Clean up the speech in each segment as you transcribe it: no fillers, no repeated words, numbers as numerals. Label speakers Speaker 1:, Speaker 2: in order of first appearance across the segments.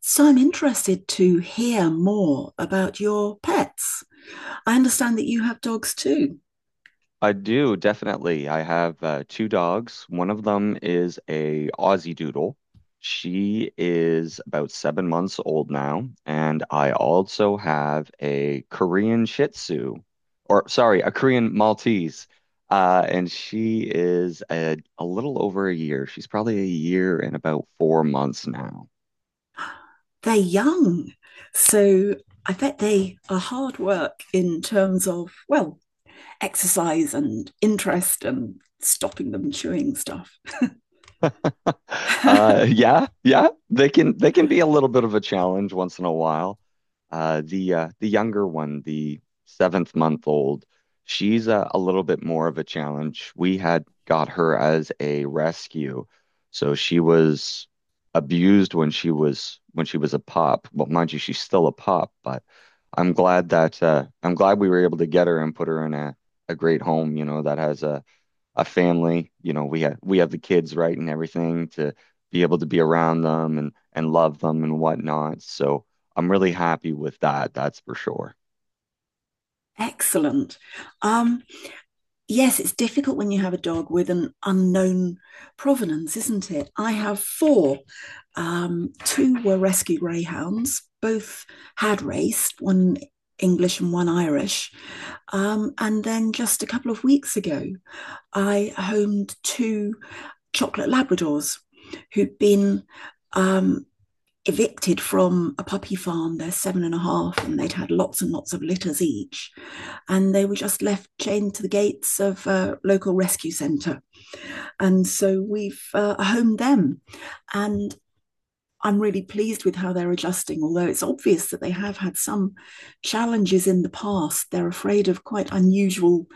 Speaker 1: So I'm interested to hear more about your pets. I understand that you have dogs too.
Speaker 2: I do definitely. I have two dogs. One of them is a Aussie Doodle. She is about 7 months old now, and I also have a Korean Shih Tzu, or sorry, a Korean Maltese, and she is a little over a year. She's probably a year and about 4 months now.
Speaker 1: They're young. So I bet they are hard work in terms of, well, exercise and interest and stopping them chewing stuff.
Speaker 2: Yeah, yeah, they can be a little bit of a challenge once in a while. The younger one, the seventh month old, she's a little bit more of a challenge. We had got her as a rescue, so she was abused when she was a pup. Well, mind you, she's still a pup, but I'm glad we were able to get her and put her in a great home that has a family. You know, we have the kids, right, and everything to be able to be around them and love them and whatnot. So I'm really happy with that. That's for sure.
Speaker 1: Excellent. Um, yes, it's difficult when you have a dog with an unknown provenance, isn't it? I have four. Two were rescue greyhounds, both had raced, one English and one Irish. And then just a couple of weeks ago, I homed two chocolate Labradors who'd been um, evicted from a puppy farm. They're seven and a half, and they'd had lots and lots of litters each. And they were just left chained to the gates of a local rescue centre. And so we've homed them. And I'm really pleased with how they're adjusting, although it's obvious that they have had some challenges in the past. They're afraid of quite unusual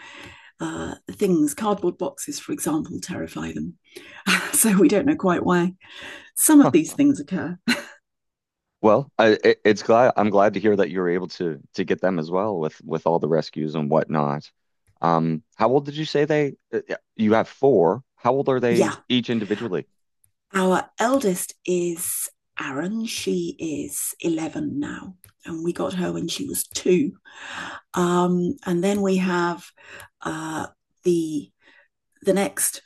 Speaker 1: things. Cardboard boxes, for example, terrify them. So we don't know quite why some of
Speaker 2: Huh.
Speaker 1: these things occur.
Speaker 2: Well, I'm glad to hear that you were able to get them as well with all the rescues and whatnot. How old did you say they? You have four. How old are they
Speaker 1: Yeah,
Speaker 2: each individually?
Speaker 1: our eldest is Aaron. She is 11 now, and we got her when she was 2. And then we have uh, the the next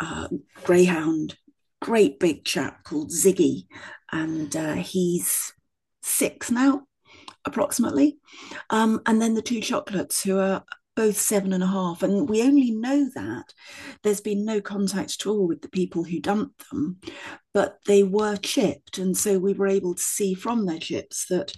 Speaker 1: uh, greyhound, great big chap called Ziggy, and he's 6 now approximately. And then the two chocolates, who are both seven and a half. And we only know that there's been no contact at all with the people who dumped them, but they were chipped. And so we were able to see from their chips that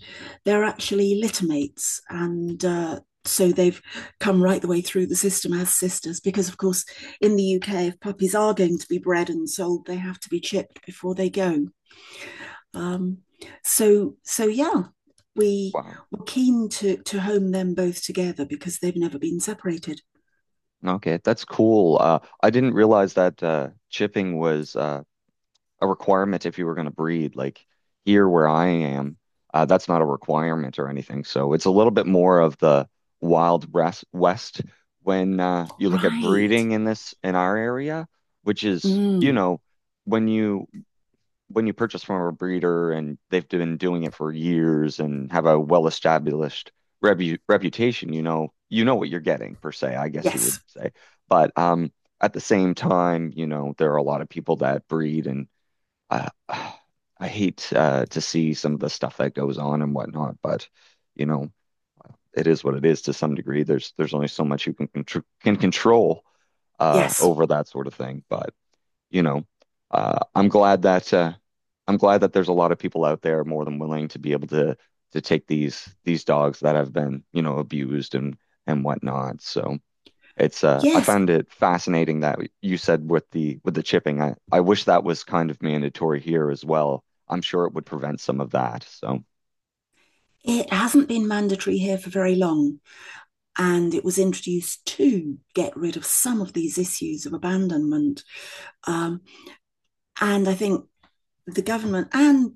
Speaker 1: they're actually littermates. And so they've come right the way through the system as sisters, because of course, in the UK, if puppies are going to be bred and sold, they have to be chipped before they go. Um, so yeah, we
Speaker 2: Wow.
Speaker 1: were keen to home them both together because they've never been separated.
Speaker 2: Okay, that's cool. I didn't realize that chipping was a requirement if you were going to breed. Like here where I am, that's not a requirement or anything. So it's a little bit more of the wild west when you look at
Speaker 1: Right.
Speaker 2: breeding in our area, which is, you
Speaker 1: Mm.
Speaker 2: know, when you when you purchase from a breeder and they've been doing it for years and have a well-established rebu reputation, you know what you're getting per se, I guess you would
Speaker 1: Yes.
Speaker 2: say. But at the same time, you know, there are a lot of people that breed and I I hate to see some of the stuff that goes on and whatnot, but you know, it is what it is to some degree. There's only so much you can control
Speaker 1: Yes.
Speaker 2: over that sort of thing. But you know, uh, I'm glad that uh, I'm glad that there's a lot of people out there more than willing to be able to take these dogs that have been abused and whatnot. So. It's I
Speaker 1: Yes.
Speaker 2: found it fascinating that you said with the chipping. I wish that was kind of mandatory here as well. I'm sure it would prevent some of that. So
Speaker 1: It hasn't been mandatory here for very long, and it was introduced to get rid of some of these issues of abandonment. Um, and I think the government and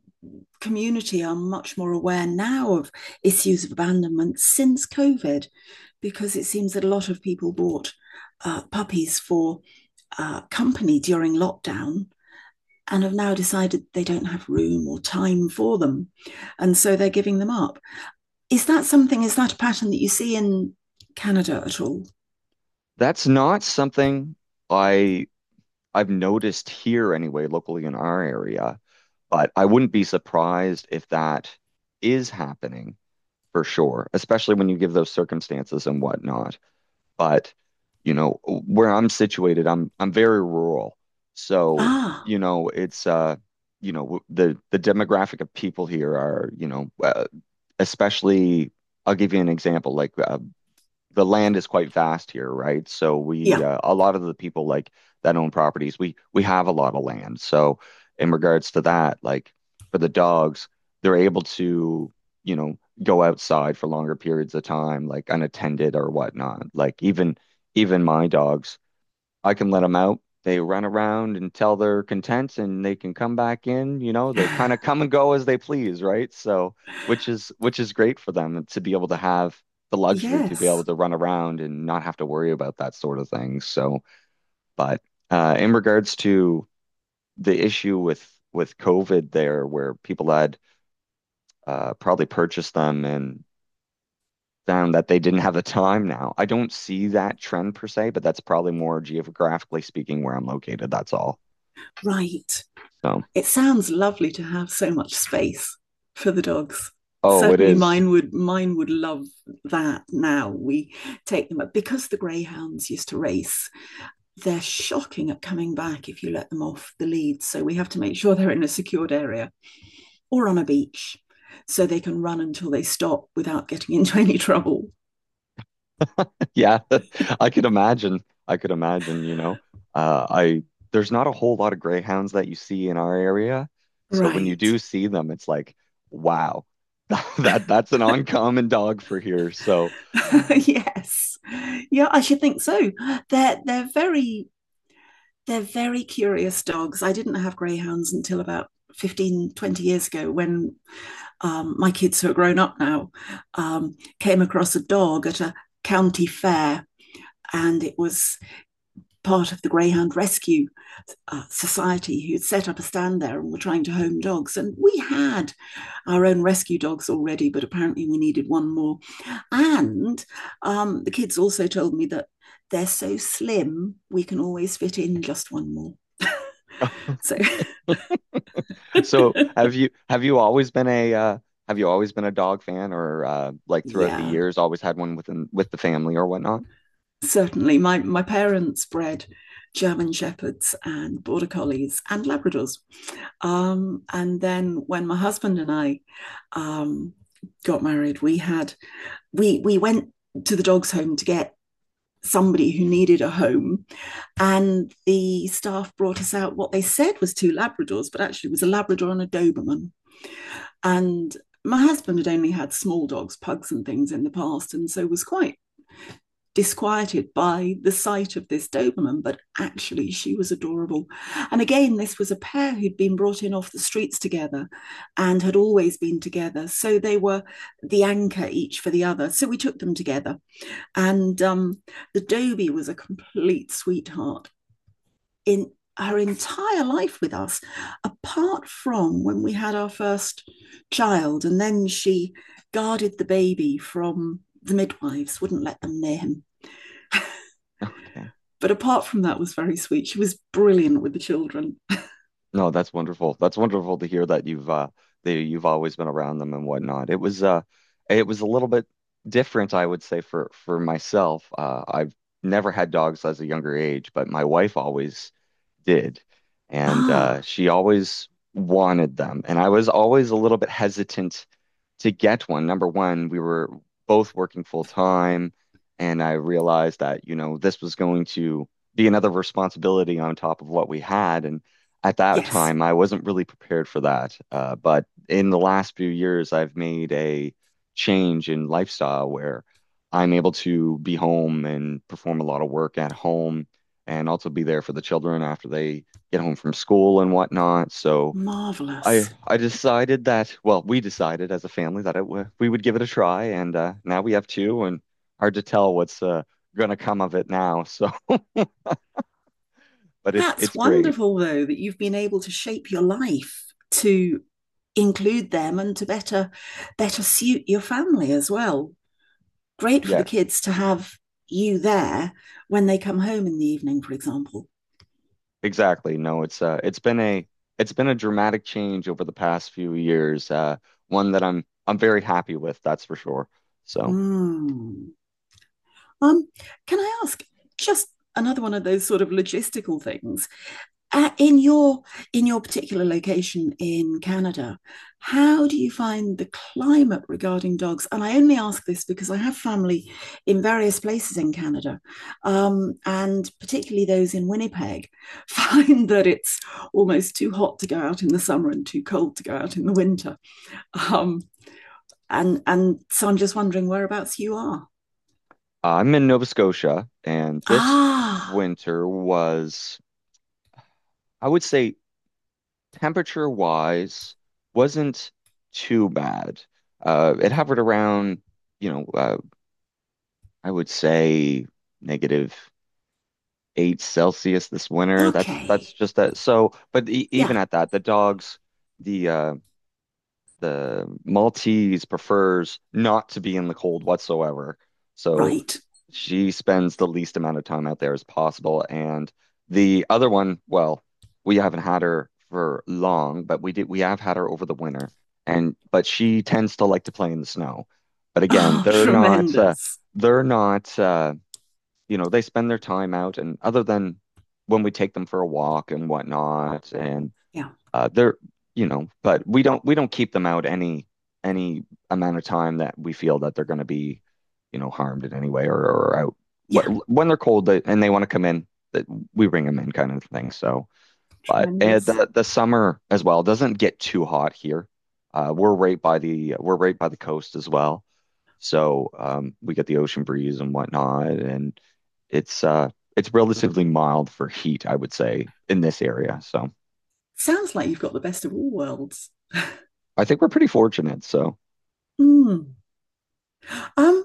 Speaker 1: community are much more aware now of issues of abandonment since COVID, because it seems that a lot of people bought puppies for company during lockdown and have now decided they don't have room or time for them. And so they're giving them up. Is that a pattern that you see in Canada at all?
Speaker 2: that's not something I I've noticed here anyway, locally in our area, but I wouldn't be surprised if that is happening for sure, especially when you give those circumstances and whatnot. But, you know, where I'm situated, I'm very rural. So,
Speaker 1: Ah,
Speaker 2: you know, it's you know, w- the demographic of people here are, especially I'll give you an example, like the land is quite vast here, right? So we
Speaker 1: yeah.
Speaker 2: a lot of the people like that own properties, we have a lot of land. So in regards to that, like for the dogs, they're able to go outside for longer periods of time, like unattended or whatnot. Like even my dogs I can let them out. They run around until they're content and they can come back in. You know, they kind of come and go as they please, right? So, which is great for them to be able to have the luxury to be able
Speaker 1: Yes.
Speaker 2: to run around and not have to worry about that sort of thing. So, but in regards to the issue with COVID there, where people had probably purchased them and found that they didn't have the time now. I don't see that trend per se, but that's probably more geographically speaking where I'm located. That's all.
Speaker 1: Right.
Speaker 2: So,
Speaker 1: It sounds lovely to have so much space for the dogs.
Speaker 2: oh, it
Speaker 1: Certainly
Speaker 2: is.
Speaker 1: mine would mine would love that. Now we take them up because the greyhounds used to race. They're shocking at coming back if you let them off the lead, so we have to make sure they're in a secured area or on a beach so they can run until they stop without getting into any trouble.
Speaker 2: Yeah, I could imagine. I could imagine, you know. I There's not a whole lot of greyhounds that you see in our area. So when you
Speaker 1: Right.
Speaker 2: do see them, it's like, wow, that's an uncommon dog for here. So
Speaker 1: Yes, yeah, I should think so. They're they're very They're very curious dogs. I didn't have greyhounds until about 15, 20 years ago when my kids, who are grown up now, came across a dog at a county fair. And it was part of the Greyhound Rescue Society, who'd set up a stand there and were trying to home dogs. And we had our own rescue dogs already, but apparently we needed one more. And the kids also told me that they're so slim, we can always fit in just one more. So
Speaker 2: so have you always been a dog fan or like throughout the
Speaker 1: yeah,
Speaker 2: years always had one with the family or whatnot?
Speaker 1: certainly. My parents bred German shepherds and border collies and Labradors. And then when my husband and I um, got married, we had we went to the dogs home to get somebody who needed a home. And the staff brought us out what they said was two Labradors, but actually it was a Labrador and a Doberman. And my husband had only had small dogs, pugs and things, in the past, and so was quite disquieted by the sight of this Doberman, but actually she was adorable. And again, this was a pair who'd been brought in off the streets together and had always been together. So they were the anchor each for the other. So we took them together. And the Dobie was a complete sweetheart in her entire life with us, apart from when we had our first child. And then she guarded the baby from the midwives, wouldn't let them near him.
Speaker 2: Okay.
Speaker 1: But apart from that, was very sweet. She was brilliant with the children.
Speaker 2: No, that's wonderful. That's wonderful to hear that you've always been around them and whatnot. It was a little bit different, I would say, for myself. I've never had dogs as a younger age, but my wife always did. And
Speaker 1: Ah,
Speaker 2: she always wanted them. And I was always a little bit hesitant to get one. Number one, we were both working full time, and I realized that, you know, this was going to be another responsibility on top of what we had. And at that
Speaker 1: yes,
Speaker 2: time, I wasn't really prepared for that. But in the last few years, I've made a change in lifestyle where I'm able to be home and perform a lot of work at home and also be there for the children after they get home from school and whatnot. So, I
Speaker 1: marvelous.
Speaker 2: I decided that, well, we decided as a family that it w we would give it a try, and now we have two, and hard to tell what's gonna come of it now. So, but it's
Speaker 1: That's
Speaker 2: it's great.
Speaker 1: wonderful, though, that you've been able to shape your life to include them and to better suit your family as well. Great for the
Speaker 2: Yeah,
Speaker 1: kids to have you there when they come home in the evening, for example.
Speaker 2: exactly. No, it's been a dramatic change over the past few years. One that I'm very happy with, that's for sure. So,
Speaker 1: Mm. Um, can I ask just another one of those sort of logistical things? uh, in your in your particular location in Canada, how do you find the climate regarding dogs? And I only ask this because I have family in various places in Canada, and particularly those in Winnipeg find that it's almost too hot to go out in the summer and too cold to go out in the winter. Um, and so I'm just wondering whereabouts you are.
Speaker 2: I'm in Nova Scotia, and this
Speaker 1: Ah,
Speaker 2: winter was, I would say, temperature-wise, wasn't too bad. It hovered around, you know, uh, I would say -8 Celsius this winter. That's
Speaker 1: okay,
Speaker 2: just that. So, but e even
Speaker 1: yeah,
Speaker 2: at that, the dogs, the uh, the Maltese prefers not to be in the cold whatsoever. So
Speaker 1: right.
Speaker 2: she spends the least amount of time out there as possible. And the other one, well, we haven't had her for long, but we have had her over the winter. And but she tends to like to play in the snow. But again,
Speaker 1: Oh, tremendous.
Speaker 2: they're not you know, they spend their time out and other than when we take them for a walk and whatnot and
Speaker 1: Yeah,
Speaker 2: they're, but we don't keep them out any amount of time that we feel that they're going to be harmed in any way or out.
Speaker 1: yeah,
Speaker 2: When they're cold they- and they want to come in, that we bring them in, kind of thing. So, but and
Speaker 1: tremendous.
Speaker 2: the summer as well doesn't get too hot here. We're right by the we're right by the coast as well, so we get the ocean breeze and whatnot, and it's uh it's relatively mild for heat, I would say, in this area. So
Speaker 1: Sounds like you've got the best of all worlds.
Speaker 2: I think we're pretty fortunate. So.
Speaker 1: Mm. Um,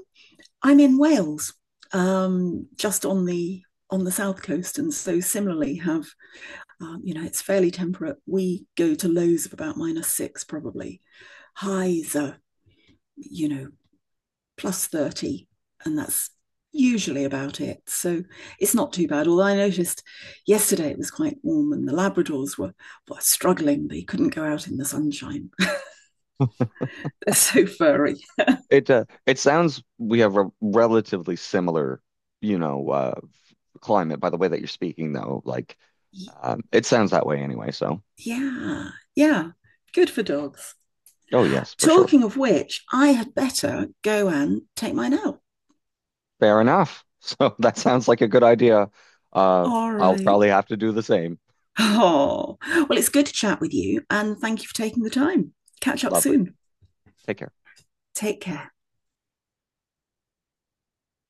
Speaker 1: I'm in Wales, just on the south coast, and so similarly have you know it's fairly temperate. We go to lows of about -6, probably highs are you know +30, and that's usually about it. So it's not too bad. Although I noticed yesterday it was quite warm, and the Labradors were struggling; they couldn't go out in the sunshine. They're so furry.
Speaker 2: It sounds we have a relatively similar, you know, uh, climate by the way that you're speaking though. Like, it sounds that way anyway. So,
Speaker 1: Yeah, yeah, good for dogs.
Speaker 2: oh yes, for sure.
Speaker 1: Talking of which, I had better go and take mine out.
Speaker 2: Fair enough. So that sounds like a good idea. Uh,
Speaker 1: All
Speaker 2: I'll
Speaker 1: right.
Speaker 2: probably have to do the same.
Speaker 1: Oh, well, it's good to chat with you, and thank you for taking the time. Catch up
Speaker 2: Lovely.
Speaker 1: soon.
Speaker 2: Take care.
Speaker 1: Take care.